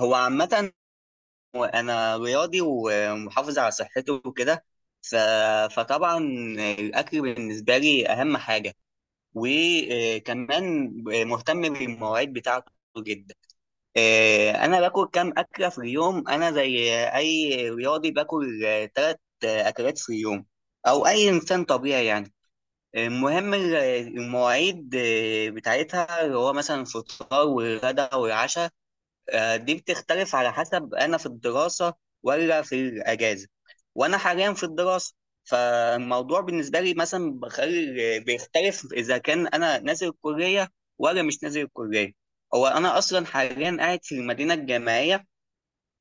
هو عامة، أنا رياضي ومحافظ على صحته وكده. ف... فطبعا الأكل بالنسبة لي أهم حاجة، وكمان مهتم بالمواعيد بتاعته جدا. أنا باكل كام أكلة في اليوم؟ أنا زي أي رياضي باكل 3 أكلات في اليوم، أو أي إنسان طبيعي يعني. المهم المواعيد، بتاعتها اللي هو مثلا الفطار والغدا والعشاء. دي بتختلف على حسب انا في الدراسه ولا في الاجازه. وانا حاليا في الدراسه، فالموضوع بالنسبه لي مثلا بخلي بيختلف اذا كان انا نازل الكليه ولا مش نازل الكليه. هو انا اصلا حاليا قاعد في المدينه الجامعيه،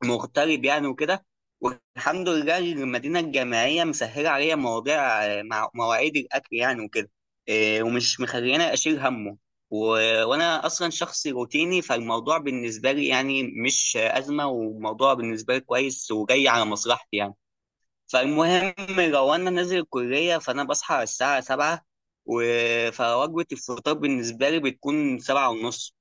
مغترب يعني وكده. والحمد لله، المدينة الجامعية مسهلة عليا مواضيع، مع مواعيد الأكل يعني وكده. إيه، ومش مخليني أشيل همه. و... وأنا أصلا شخص روتيني، فالموضوع بالنسبة لي يعني مش أزمة، وموضوع بالنسبة لي كويس وجاي على مصلحتي يعني. فالمهم، لو أنا نازل الكلية فأنا بصحى على الساعة 7، و... فوجبة الفطار بالنسبة لي بتكون 7:30.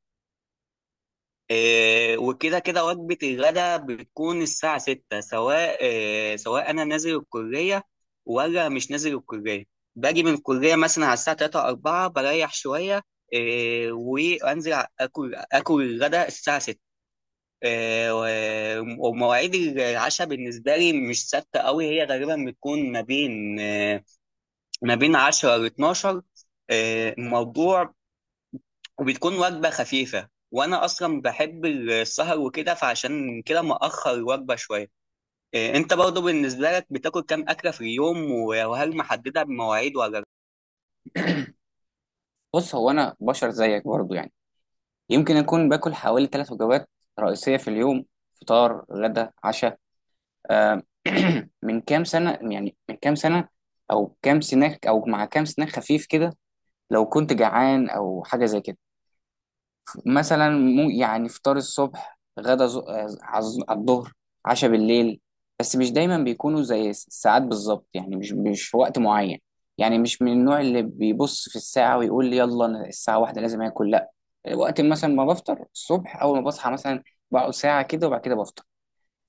إيه، وكده كده وجبة الغداء بتكون الساعة 6، سواء إيه سواء أنا نازل الكلية ولا مش نازل الكلية. باجي من الكلية مثلا على الساعة 3 أو 4، بريح شوية، إيه، وأنزل آكل الغداء الساعة 6. إيه ومواعيد العشاء بالنسبة لي مش ثابتة أوي، هي غالبا بتكون ما بين إيه، ما بين عشرة لاتناشر، 12. الموضوع وبتكون وجبة خفيفة، وأنا أصلا بحب السهر وكده، فعشان كده مأخر الوجبة شوية. إيه، أنت برضه بالنسبة لك بتاكل كام أكلة في اليوم، وهل محددة بمواعيد ولا لأ؟ بص، هو انا بشر زيك برضو يعني. يمكن اكون باكل حوالي 3 وجبات رئيسيه في اليوم: فطار، غدا، عشاء. آه، من كام سنه او كام سناك او مع كام سناك خفيف كده، لو كنت جعان او حاجه زي كده. مثلا يعني فطار الصبح، على الظهر، عشاء بالليل. بس مش دايما بيكونوا زي الساعات بالظبط، يعني مش في وقت معين. يعني مش من النوع اللي بيبص في الساعة ويقول لي يلا أنا الساعة 1 لازم آكل، لا. وقت مثلا ما بفطر الصبح أول ما بصحى مثلا، بقعد ساعة كده وبعد كده بفطر.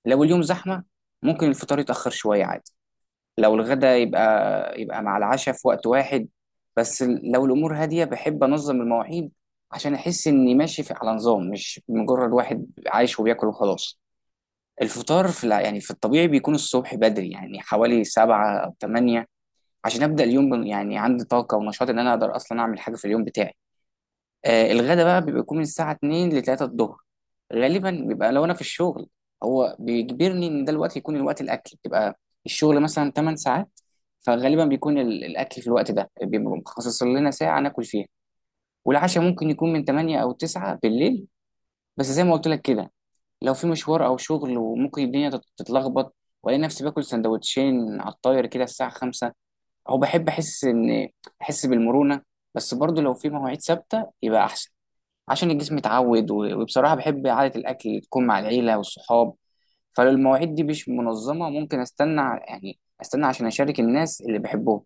لو اليوم زحمة ممكن الفطار يتأخر شوية عادي. لو الغدا يبقى مع العشاء في وقت واحد. بس لو الامور هاديه بحب انظم المواعيد، عشان احس اني ماشي على نظام، مش مجرد واحد عايش وبياكل وخلاص. الفطار يعني في الطبيعي بيكون الصبح بدري، يعني حوالي 7 أو 8، عشان أبدأ اليوم يعني عندي طاقة ونشاط، إن أنا أقدر أصلا أعمل حاجة في اليوم بتاعي. آه الغدا بقى بيبقى يكون من الساعة 2 ل 3 الظهر، غالبا بيبقى لو انا في الشغل، هو بيجبرني ان ده الوقت يكون الوقت الاكل بيبقى. الشغل مثلا 8 ساعات، فغالبا بيكون الاكل في الوقت ده بيبقى مخصص لنا ساعة ناكل فيها. والعشاء ممكن يكون من 8 او 9 بالليل. بس زي ما قلت لك كده، لو في مشوار او شغل وممكن الدنيا تتلخبط، والاقي نفسي باكل سندوتشين على الطاير كده الساعة 5. او بحب احس ان، احس بالمرونة. بس برضه لو في مواعيد ثابتة يبقى احسن، عشان الجسم يتعود، وبصراحة بحب عادة الأكل تكون مع العيلة والصحاب. فلو المواعيد دي مش منظمة ممكن يعني أستنى عشان أشارك الناس اللي بحبهم.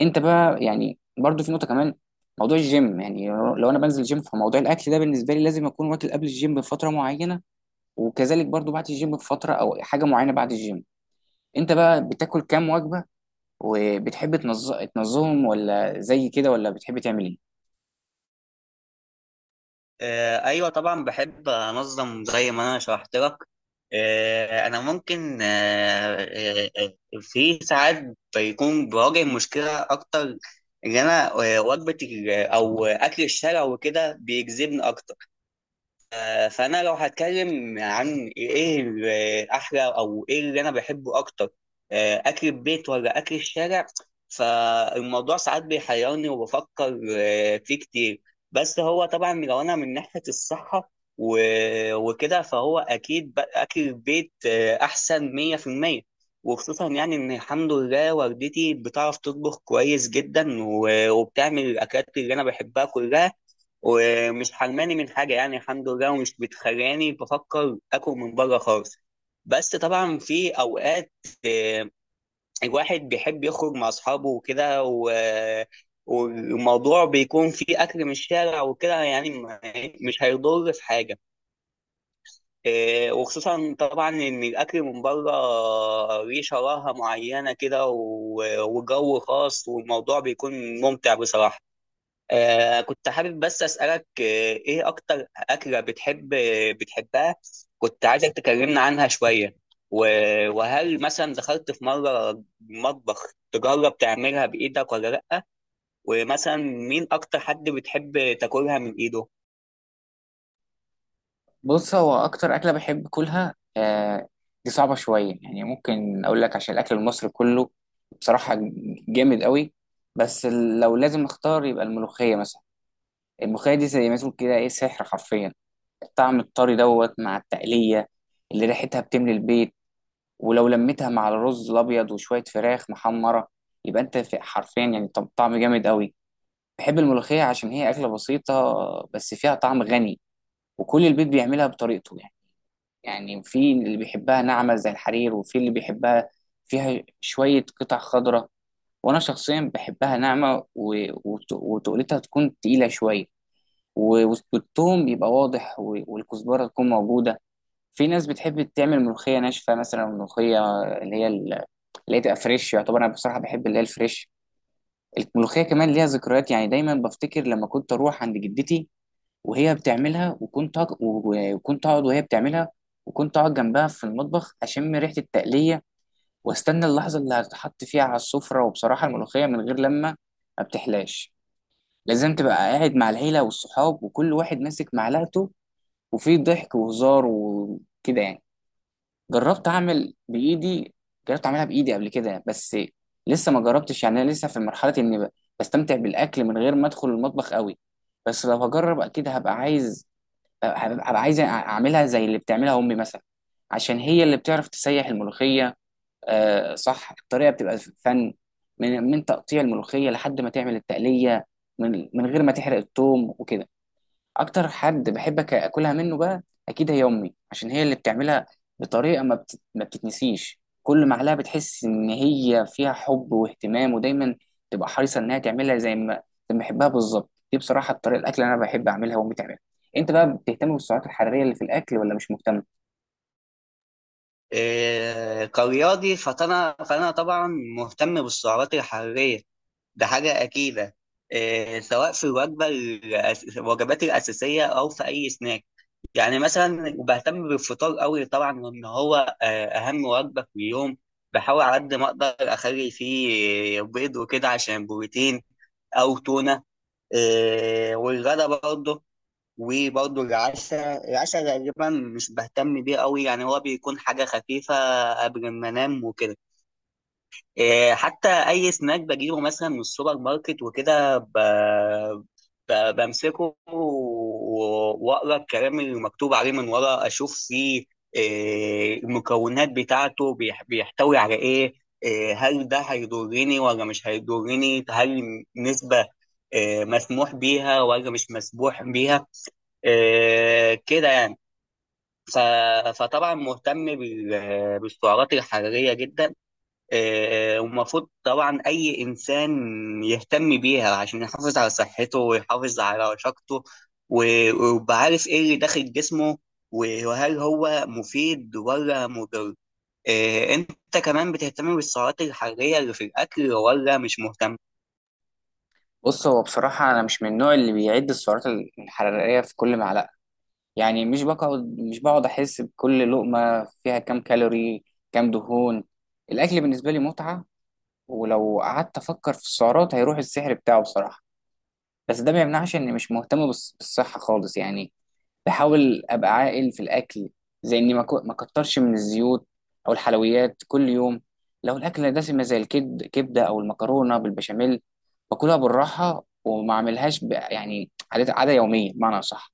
أنت بقى يعني برضو في نقطة كمان، موضوع الجيم، يعني لو أنا بنزل جيم فموضوع الأكل ده بالنسبة لي لازم أكون واكل قبل الجيم بفترة معينة، وكذلك برضو بعد الجيم بفترة أو حاجة معينة بعد الجيم. أنت بقى بتاكل كام وجبة، وبتحب تنظمهم ولا زي كده، ولا بتحب تعمل إيه؟ إيه، أيوة طبعا بحب أنظم زي ما أنا شرحت لك. إيه، أنا ممكن آه، إيه، إيه، في ساعات بيكون بواجه مشكلة أكتر. إن أنا وجبة أو أكل الشارع وكده بيجذبني أكتر. فانا لو هتكلم عن ايه احلى او ايه اللي انا بحبه اكتر، اكل البيت ولا اكل الشارع. فالموضوع ساعات بيحيرني، وبفكر فيه كتير. بس هو طبعا لو انا من ناحية الصحة وكده، فهو اكيد اكل البيت احسن 100%، وخصوصا يعني ان الحمد لله والدتي بتعرف تطبخ كويس جدا، وبتعمل الاكلات اللي انا بحبها كلها، ومش حرماني من حاجة يعني، الحمد لله، ومش بتخلاني بفكر آكل من بره خالص. بس طبعا في أوقات، آه، الواحد بيحب يخرج مع أصحابه وكده والموضوع بيكون فيه أكل من الشارع وكده يعني، مش هيضر في حاجة. وخصوصا طبعا إن الأكل من بره ليه شراهة معينة كده وجو خاص، والموضوع بيكون ممتع بصراحة. كنت حابب بس أسألك، إيه أكتر أكلة بتحبها؟ كنت عايزك تكلمنا عنها شوية، وهل مثلا دخلت في مرة مطبخ تجرب تعملها بإيدك ولا لأ، ومثلا مين أكتر حد بتحب تاكلها من إيده؟ بص، هو اكتر اكله بحب اكلها آه. دي صعبه شويه، يعني ممكن اقول لك عشان الاكل المصري كله بصراحه جامد قوي. بس لو لازم اختار يبقى الملوخيه مثلا. الملوخيه دي زي ما تقول كده ايه، سحر حرفيا. الطعم الطري دوت مع التقليه اللي ريحتها بتملي البيت، ولو لميتها مع الرز الابيض وشويه فراخ محمره، يبقى انت حرفيا يعني طعم جامد قوي. بحب الملوخيه عشان هي اكله بسيطه بس فيها طعم غني، وكل البيت بيعملها بطريقته يعني. يعني في اللي بيحبها ناعمة زي الحرير، وفي اللي بيحبها فيها شوية قطع خضراء. وأنا شخصيا بحبها ناعمة، وتقلتها تكون تقيلة شوية، والثوم يبقى واضح، والكزبرة تكون موجودة. في ناس بتحب تعمل ملوخية ناشفة مثلا، ملوخية اللي هي تبقى فريش. يعتبر أنا بصراحة بحب اللي هي الفريش. الملوخية كمان ليها ذكريات، يعني دايما بفتكر لما كنت أروح عند جدتي وهي بتعملها، وكنت اقعد وهي بتعملها، وكنت اقعد جنبها في المطبخ اشم ريحه التقليه، واستنى اللحظه اللي هتحط فيها على السفره. وبصراحه الملوخيه من غير ما بتحلاش، لازم تبقى قاعد مع العيله والصحاب وكل واحد ماسك معلقته، وفي ضحك وهزار وكده يعني. جربت اعمل بايدي جربت اعملها بايدي قبل كده، بس لسه ما جربتش، يعني انا لسه في مرحله اني بستمتع بالاكل من غير ما ادخل المطبخ قوي. بس لو هجرب اكيد هبقى عايز، هبقى عايز اعملها زي اللي بتعملها امي مثلا، عشان هي اللي بتعرف تسيح الملوخيه. آه، صح، الطريقه بتبقى فن، من تقطيع الملوخيه لحد ما تعمل التقليه، من غير ما تحرق الثوم وكده. اكتر حد بحب اكلها منه بقى، اكيد هي امي، عشان هي اللي بتعملها بطريقه ما بتتنسيش. كل معلقه بتحس ان هي فيها حب واهتمام، ودايما تبقى حريصه انها تعملها زي ما بحبها بالظبط. دي بصراحه الطريقه الاكل اللي انا بحب اعملها وامي تعملها. انت بقى بتهتم بالسعرات الحراريه اللي في الاكل ولا مش مهتم؟ كرياضي فأنا طبعا مهتم بالسعرات الحرارية، ده حاجة أكيدة. سواء في الوجبة الوجبات الأساسية، أو في أي سناك. يعني مثلا وبهتم بالفطار قوي طبعا، وان هو اهم وجبه في اليوم. بحاول على قد ما اقدر اخلي فيه بيض وكده عشان بروتين، او تونه. والغدا برضه. وبرضه العشاء، غالبا مش بهتم بيه قوي، يعني هو بيكون حاجه خفيفه قبل ما انام وكده. إيه، حتى اي سناك بجيبه مثلا من السوبر ماركت وكده، بمسكه واقرا الكلام اللي مكتوب عليه من ورا، اشوف فيه إيه المكونات بتاعته، بيحتوي على ايه، إيه، هل ده هيضرني ولا مش هيضرني، هل نسبة إيه، مسموح بيها ولا مش مسموح بيها. إيه، كده يعني. ف- فطبعا مهتم بالسعرات الحرارية جدا. ومفروض طبعا أي إنسان يهتم بيها عشان يحافظ على صحته ويحافظ على رشاقته، و- ويبقى عارف إيه اللي داخل جسمه، وهل هو مفيد ولا مضر. أنت كمان بتهتم بالسعرات الحرارية اللي في الأكل ولا مش مهتم؟ بص، هو بصراحه انا مش من النوع اللي بيعد السعرات الحراريه في كل معلقه، يعني مش بقعد احس بكل لقمه فيها كام كالوري، كام دهون. الاكل بالنسبه لي متعه، ولو قعدت افكر في السعرات هيروح السحر بتاعه بصراحه. بس ده ما يمنعش اني مش مهتم بالصحه خالص يعني. بحاول ابقى عاقل في الاكل، زي اني ما كترش من الزيوت او الحلويات كل يوم. لو الاكل دسمه زي كبده او المكرونه بالبشاميل، باكلها بالراحه وما اعملهاش يعني عاده عاده يوميه، بمعنى صح.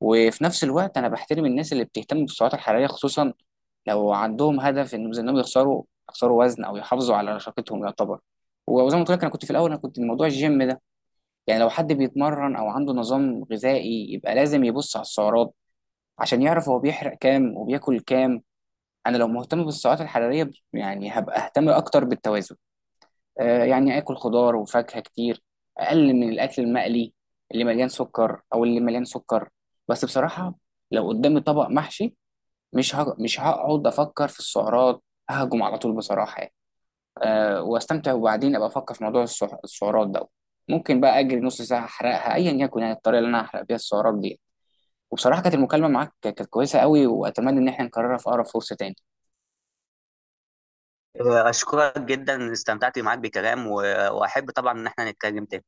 وفي نفس الوقت انا بحترم الناس اللي بتهتم بالسعرات الحراريه، خصوصا لو عندهم هدف ان انهم يخسروا وزن او يحافظوا على رشاقتهم يعتبر. وزي ما قلت لك، انا كنت موضوع الجيم ده، يعني لو حد بيتمرن او عنده نظام غذائي يبقى لازم يبص على السعرات، عشان يعرف هو بيحرق كام وبياكل كام. انا لو مهتم بالسعرات الحراريه يعني هبقى اهتم اكتر بالتوازن، آه يعني اكل خضار وفاكهه كتير، اقلل من الاكل المقلي اللي مليان سكر. بس بصراحه لو قدامي طبق محشي، مش هقعد افكر في السعرات، ههجم على طول بصراحه يعني. أه، واستمتع وبعدين ابقى افكر في موضوع السعرات ده، ممكن بقى اجري نص ساعه احرقها ايا يكن، يعني الطريقه اللي انا هحرق بيها السعرات دي. وبصراحه كانت المكالمه معاك كويسه قوي، واتمنى ان احنا نكررها في اقرب فرصه تاني. أشكرك جدا، استمتعت معاك بكلام، وأحب طبعا إن احنا نتكلم تاني.